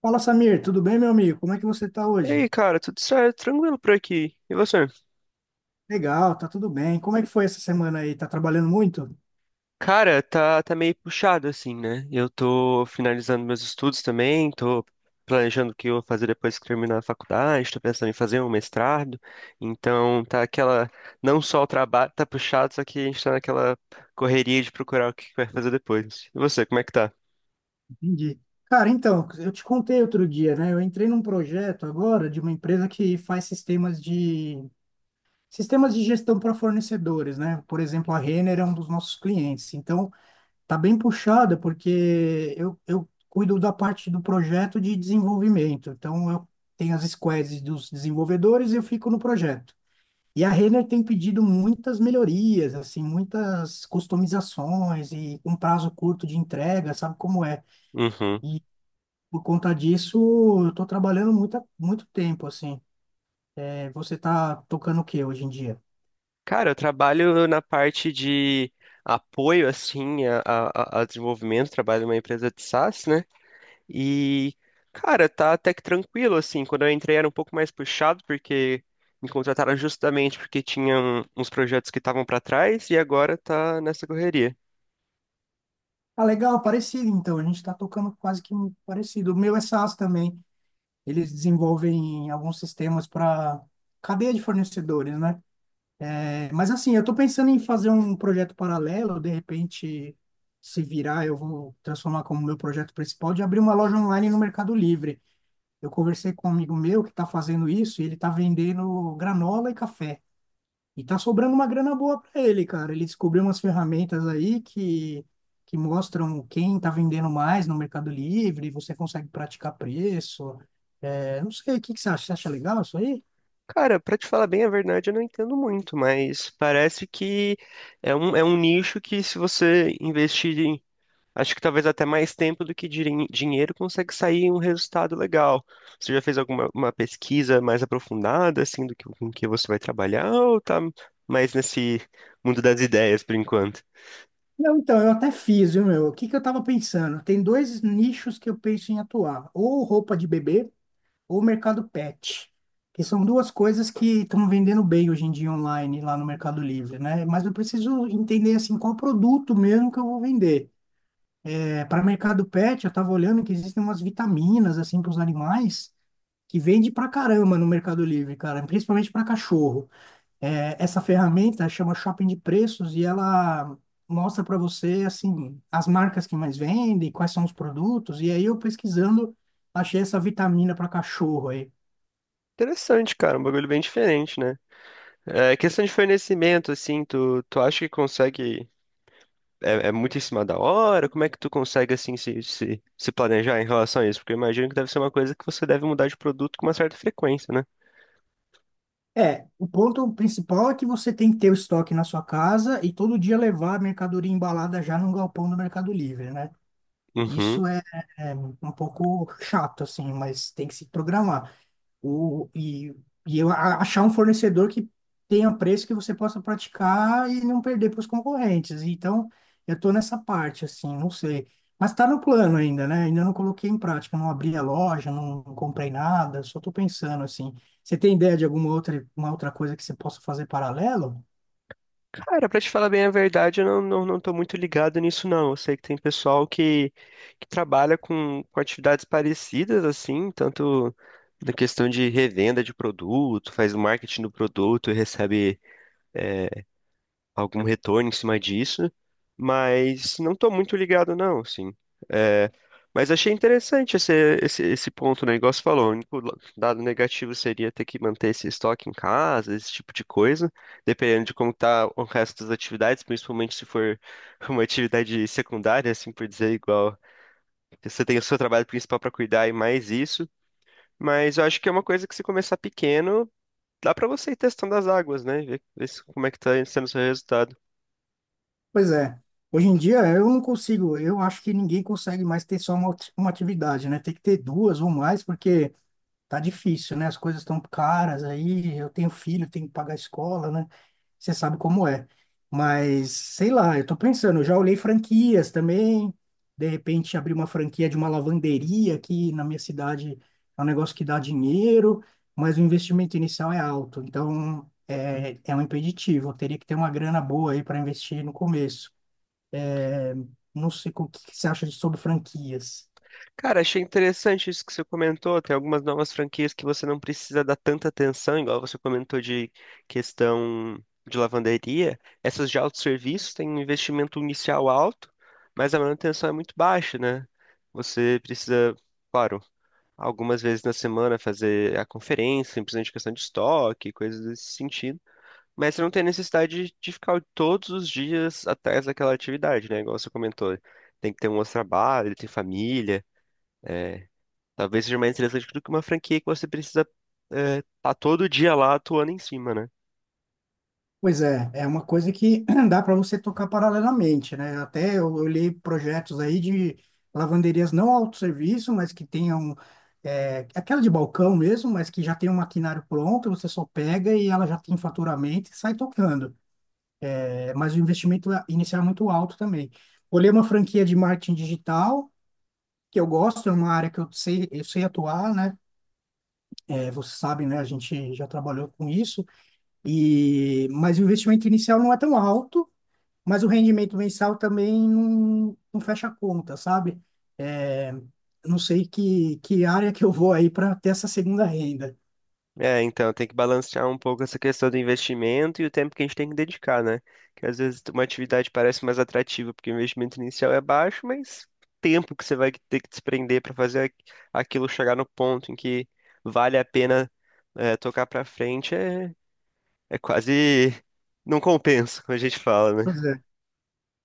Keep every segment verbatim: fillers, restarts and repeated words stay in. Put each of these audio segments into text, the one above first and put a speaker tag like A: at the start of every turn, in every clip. A: Fala, Samir, tudo bem, meu amigo? Como é que você tá
B: E
A: hoje?
B: aí, cara, tudo certo? Tranquilo por aqui. E você?
A: Legal, tá tudo bem. Como é que foi essa semana aí? Tá trabalhando muito?
B: Cara, tá, tá meio puxado assim, né? Eu tô finalizando meus estudos também, tô planejando o que eu vou fazer depois que terminar a faculdade, tô pensando em fazer um mestrado. Então, tá aquela, não só o trabalho tá puxado, só que a gente tá naquela correria de procurar o que vai fazer depois. E você, como é que tá?
A: Entendi. Cara, então, eu te contei outro dia, né? Eu entrei num projeto agora de uma empresa que faz sistemas de sistemas de gestão para fornecedores, né? Por exemplo, a Renner é um dos nossos clientes. Então, tá bem puxada porque eu, eu cuido da parte do projeto de desenvolvimento. Então, eu tenho as squads dos desenvolvedores e eu fico no projeto. E a Renner tem pedido muitas melhorias, assim, muitas customizações e um prazo curto de entrega, sabe como é?
B: Uhum.
A: E por conta disso, eu tô trabalhando muito, muito tempo, assim. É, você tá tocando o que hoje em dia?
B: Cara, eu trabalho na parte de apoio, assim, a, a, a a desenvolvimento, trabalho numa empresa de sás, né? E, cara, tá até que tranquilo, assim. Quando eu entrei era um pouco mais puxado, porque me contrataram justamente porque tinham uns projetos que estavam pra trás e agora tá nessa correria.
A: Ah, legal, parecido, então. A gente tá tocando quase que parecido. O meu é SaaS também. Eles desenvolvem alguns sistemas para cadeia de fornecedores, né? É, mas assim, eu estou pensando em fazer um projeto paralelo, de repente, se virar, eu vou transformar como meu projeto principal de abrir uma loja online no Mercado Livre. Eu conversei com um amigo meu que está fazendo isso e ele está vendendo granola e café. E tá sobrando uma grana boa para ele, cara. Ele descobriu umas ferramentas aí que, que mostram quem está vendendo mais no Mercado Livre, você consegue praticar preço. É, não sei, o que que você acha? Você acha legal isso aí?
B: Cara, pra te falar bem a verdade, eu não entendo muito, mas parece que é um, é um nicho que se você investir. Acho que talvez até mais tempo do que dirin- dinheiro consegue sair um resultado legal. Você já fez alguma uma pesquisa mais aprofundada, assim, do que com que você vai trabalhar, ou tá mais nesse mundo das ideias por enquanto?
A: Não, então, eu até fiz, viu, meu? O que que eu tava pensando? Tem dois nichos que eu penso em atuar, ou roupa de bebê ou mercado pet, que são duas coisas que estão vendendo bem hoje em dia online lá no Mercado Livre, né? Mas eu preciso entender, assim, qual produto mesmo que eu vou vender. É, para mercado pet, eu tava olhando que existem umas vitaminas, assim, para os animais, que vende pra caramba no Mercado Livre, cara, principalmente para cachorro. É, essa ferramenta chama Shopping de Preços e ela mostra para você assim as marcas que mais vendem, quais são os produtos. E aí eu pesquisando achei essa vitamina para cachorro aí.
B: Interessante, cara, um bagulho bem diferente, né? É, questão de fornecimento, assim, tu, tu acha que consegue. É, é muito em cima da hora? Como é que tu consegue, assim, se, se, se planejar em relação a isso? Porque eu imagino que deve ser uma coisa que você deve mudar de produto com uma certa frequência, né?
A: É, o ponto principal é que você tem que ter o estoque na sua casa e todo dia levar a mercadoria embalada já no galpão do Mercado Livre, né?
B: Uhum.
A: Isso é, é um pouco chato assim, mas tem que se programar. O, e, e eu a- achar um fornecedor que tenha preço que você possa praticar e não perder para os concorrentes. Então, eu estou nessa parte, assim, não sei. Mas está no plano ainda, né? Ainda não coloquei em prática, não abri a loja, não comprei nada, só estou pensando, assim. Você tem ideia de alguma outra, uma outra coisa que você possa fazer paralelo?
B: Cara, pra te falar bem a verdade, eu não, não, não tô muito ligado nisso, não. Eu sei que tem pessoal que, que trabalha com, com atividades parecidas, assim, tanto na questão de revenda de produto, faz o marketing do produto e recebe algum retorno em cima disso, mas não estou muito ligado, não, assim. É, mas achei interessante esse, esse, esse ponto, né? Igual você falou, o único la- dado negativo seria ter que manter esse estoque em casa, esse tipo de coisa, dependendo de como tá o resto das atividades, principalmente se for uma atividade secundária, assim por dizer, igual você tem o seu trabalho principal para cuidar e mais isso. Mas eu acho que é uma coisa que se começar pequeno, dá para você ir testando as águas, né? Ver, ver se- Como é que tá sendo o seu resultado?
A: Pois é. Hoje em dia eu não consigo, eu acho que ninguém consegue mais ter só uma, ati- uma atividade, né? Tem que ter duas ou mais, porque tá difícil, né? As coisas estão caras aí. Eu tenho filho, tenho que pagar a escola, né? Você sabe como é. Mas, sei lá, eu tô pensando, eu já olhei franquias também. De repente, abrir uma franquia de uma lavanderia aqui na minha cidade é um negócio que dá dinheiro, mas o investimento inicial é alto. Então, é, é um impeditivo. Eu teria que ter uma grana boa aí para investir no começo. Não sei o que que você acha de- sobre franquias.
B: Cara, achei interessante isso que você comentou. Tem algumas novas franquias que você não precisa dar tanta atenção, igual você comentou de questão de lavanderia. Essas de autosserviço têm um investimento inicial alto, mas a manutenção é muito baixa, né? Você precisa, claro, algumas vezes na semana fazer a conferência, simplesmente questão de estoque, coisas desse sentido. Mas você não tem necessidade de ficar todos os dias atrás daquela atividade, né? Igual você comentou. Tem que ter um outro trabalho, tem família. é, Talvez seja mais interessante do que uma franquia que você precisa estar todo dia lá atuando em cima, né?
A: Pois é, é uma coisa que dá para você tocar paralelamente, né? Até eu olhei projetos aí de lavanderias não autosserviço, mas que tenham é, aquela de balcão mesmo, mas que já tem um maquinário pronto, você só pega e ela já tem faturamento e sai tocando. É, mas o investimento é, inicial é muito alto também. Olhei uma franquia de marketing digital, que eu gosto, é uma área que eu sei, eu sei atuar, né? É, vocês sabem, né? A gente já trabalhou com isso, e mas o investimento inicial não é tão alto, mas o rendimento mensal também não, não fecha a conta, sabe? É, não sei que, que área que eu vou aí para ter essa segunda renda.
B: É, então tem que balancear um pouco essa questão do investimento e o tempo que a gente tem que dedicar, né? Que às vezes uma atividade parece mais atrativa porque o investimento inicial é baixo, mas o tempo que você vai ter que desprender para fazer aqu- aquilo chegar no ponto em que vale a pena é, tocar para frente é, é quase não compensa, como a gente fala, né?
A: Pois é.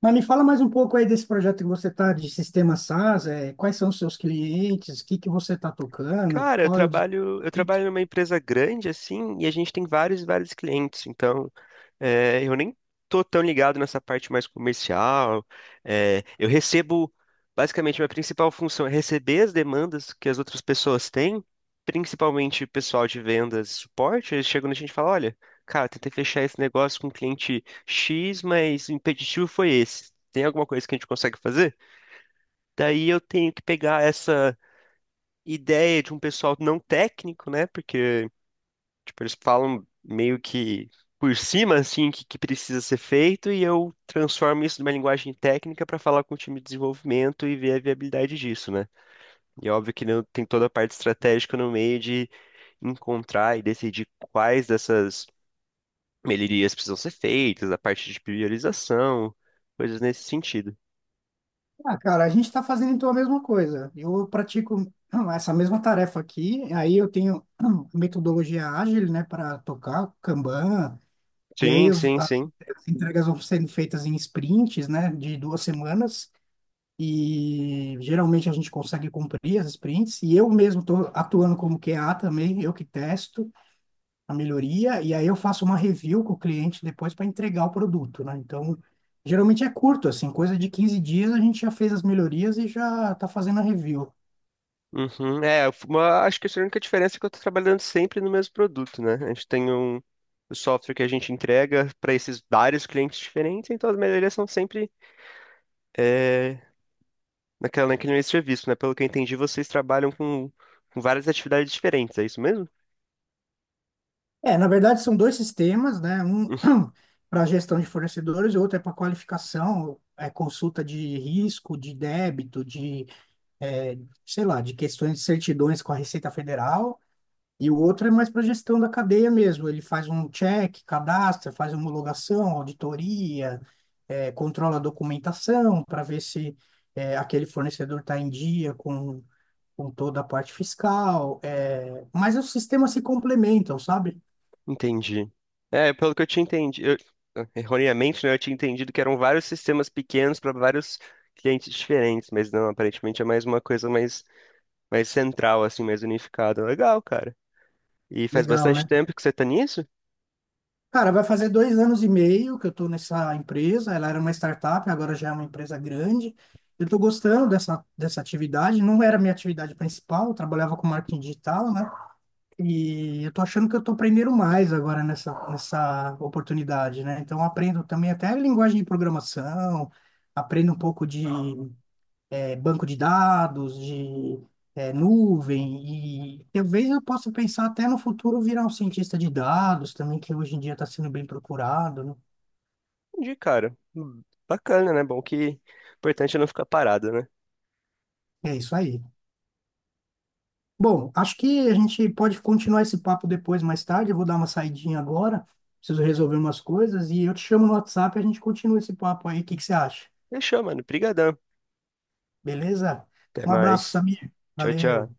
A: Mas me fala mais um pouco aí desse projeto que você está de sistema SaaS, é, quais são os seus clientes, o que que você está tocando,
B: Cara, eu
A: qual é o... des-
B: trabalho, eu trabalho numa empresa grande assim, e a gente tem vários e vários clientes. Então, é, eu nem tô tão ligado nessa parte mais comercial. É, eu recebo, basicamente, minha principal função é receber as demandas que as outras pessoas têm, principalmente o pessoal de vendas e suporte. Eles chegam na gente e falam, olha, cara, tentei fechar esse negócio com o cliente xis, mas o impeditivo foi esse. Tem alguma coisa que a gente consegue fazer? Daí eu tenho que pegar essa ideia de um pessoal não técnico, né? Porque, tipo, eles falam meio que por cima, assim, que, que precisa ser feito, e eu transformo isso numa linguagem técnica para falar com o time de desenvolvimento e ver a viabilidade disso, né? E é óbvio que não- tem toda a parte estratégica no meio de encontrar e decidir quais dessas melhorias precisam ser feitas, a parte de priorização, coisas nesse sentido.
A: Ah, cara, a gente está fazendo então a mesma coisa. Eu pratico hum, essa mesma tarefa aqui, aí eu tenho hum, metodologia ágil, né, para tocar Kanban, e aí
B: Sim,
A: os-
B: sim,
A: as,
B: sim.
A: as entregas vão sendo feitas em sprints, né, de duas semanas, e geralmente a gente consegue cumprir as sprints, e eu mesmo estou atuando como Q A também, eu que testo a melhoria, e aí eu faço uma review com o cliente depois para entregar o produto, né? Então, geralmente é curto, assim, coisa de quinze dias a gente já fez as melhorias e já está fazendo a review.
B: Uhum. É, uma, acho que a única diferença é que eu estou trabalhando sempre no mesmo produto, né? A gente tem um, o software que a gente entrega para esses vários clientes diferentes, então as melhorias são sempre é, naquela, naquele mesmo serviço, né? Pelo que eu entendi, vocês trabalham com, com várias atividades diferentes, é isso mesmo?
A: É, na verdade são dois sistemas, né? Um para gestão de fornecedores e outro é para qualificação, é consulta de risco, de débito, de, é, sei lá, de questões de certidões com a Receita Federal. E o outro é mais para gestão da cadeia mesmo. Ele faz um check, cadastra, faz homologação, auditoria, é, controla a documentação para ver se é, aquele fornecedor está em dia com, com toda a parte fiscal. É, mas os sistemas se complementam, sabe?
B: Entendi. É, pelo que eu tinha entendido, erroneamente, né, eu tinha entendido que eram vários sistemas pequenos para vários clientes diferentes, mas não, aparentemente é mais uma coisa mais, mais central, assim, mais unificada. Legal, cara. E faz
A: Legal,
B: bastante
A: né?
B: tempo que você tá nisso?
A: Cara, vai fazer dois anos e meio que eu estou nessa empresa. Ela era uma startup, agora já é uma empresa grande. Eu estou gostando dessa, dessa atividade. Não era minha atividade principal, eu trabalhava com marketing digital, né? E eu estou achando que eu estou aprendendo mais agora nessa, nessa oportunidade, né? Então, eu aprendo também até linguagem de programação, aprendo um pouco de é, banco de dados, de é, nuvem, e talvez eu possa pensar até no futuro virar um cientista de dados também, que hoje em dia está sendo bem procurado, né?
B: Entendi, cara. Hum, Bacana, né? Bom que o importante é não ficar parado, né?
A: É isso aí. Bom, acho que a gente pode continuar esse papo depois, mais tarde. Eu vou dar uma saidinha agora, preciso resolver umas coisas, e eu te chamo no WhatsApp e a gente continua esse papo aí. O que que você acha?
B: Fechou, mano. Brigadão.
A: Beleza?
B: Até
A: Um abraço,
B: mais.
A: Samir.
B: Tchau, tchau.
A: Valeu.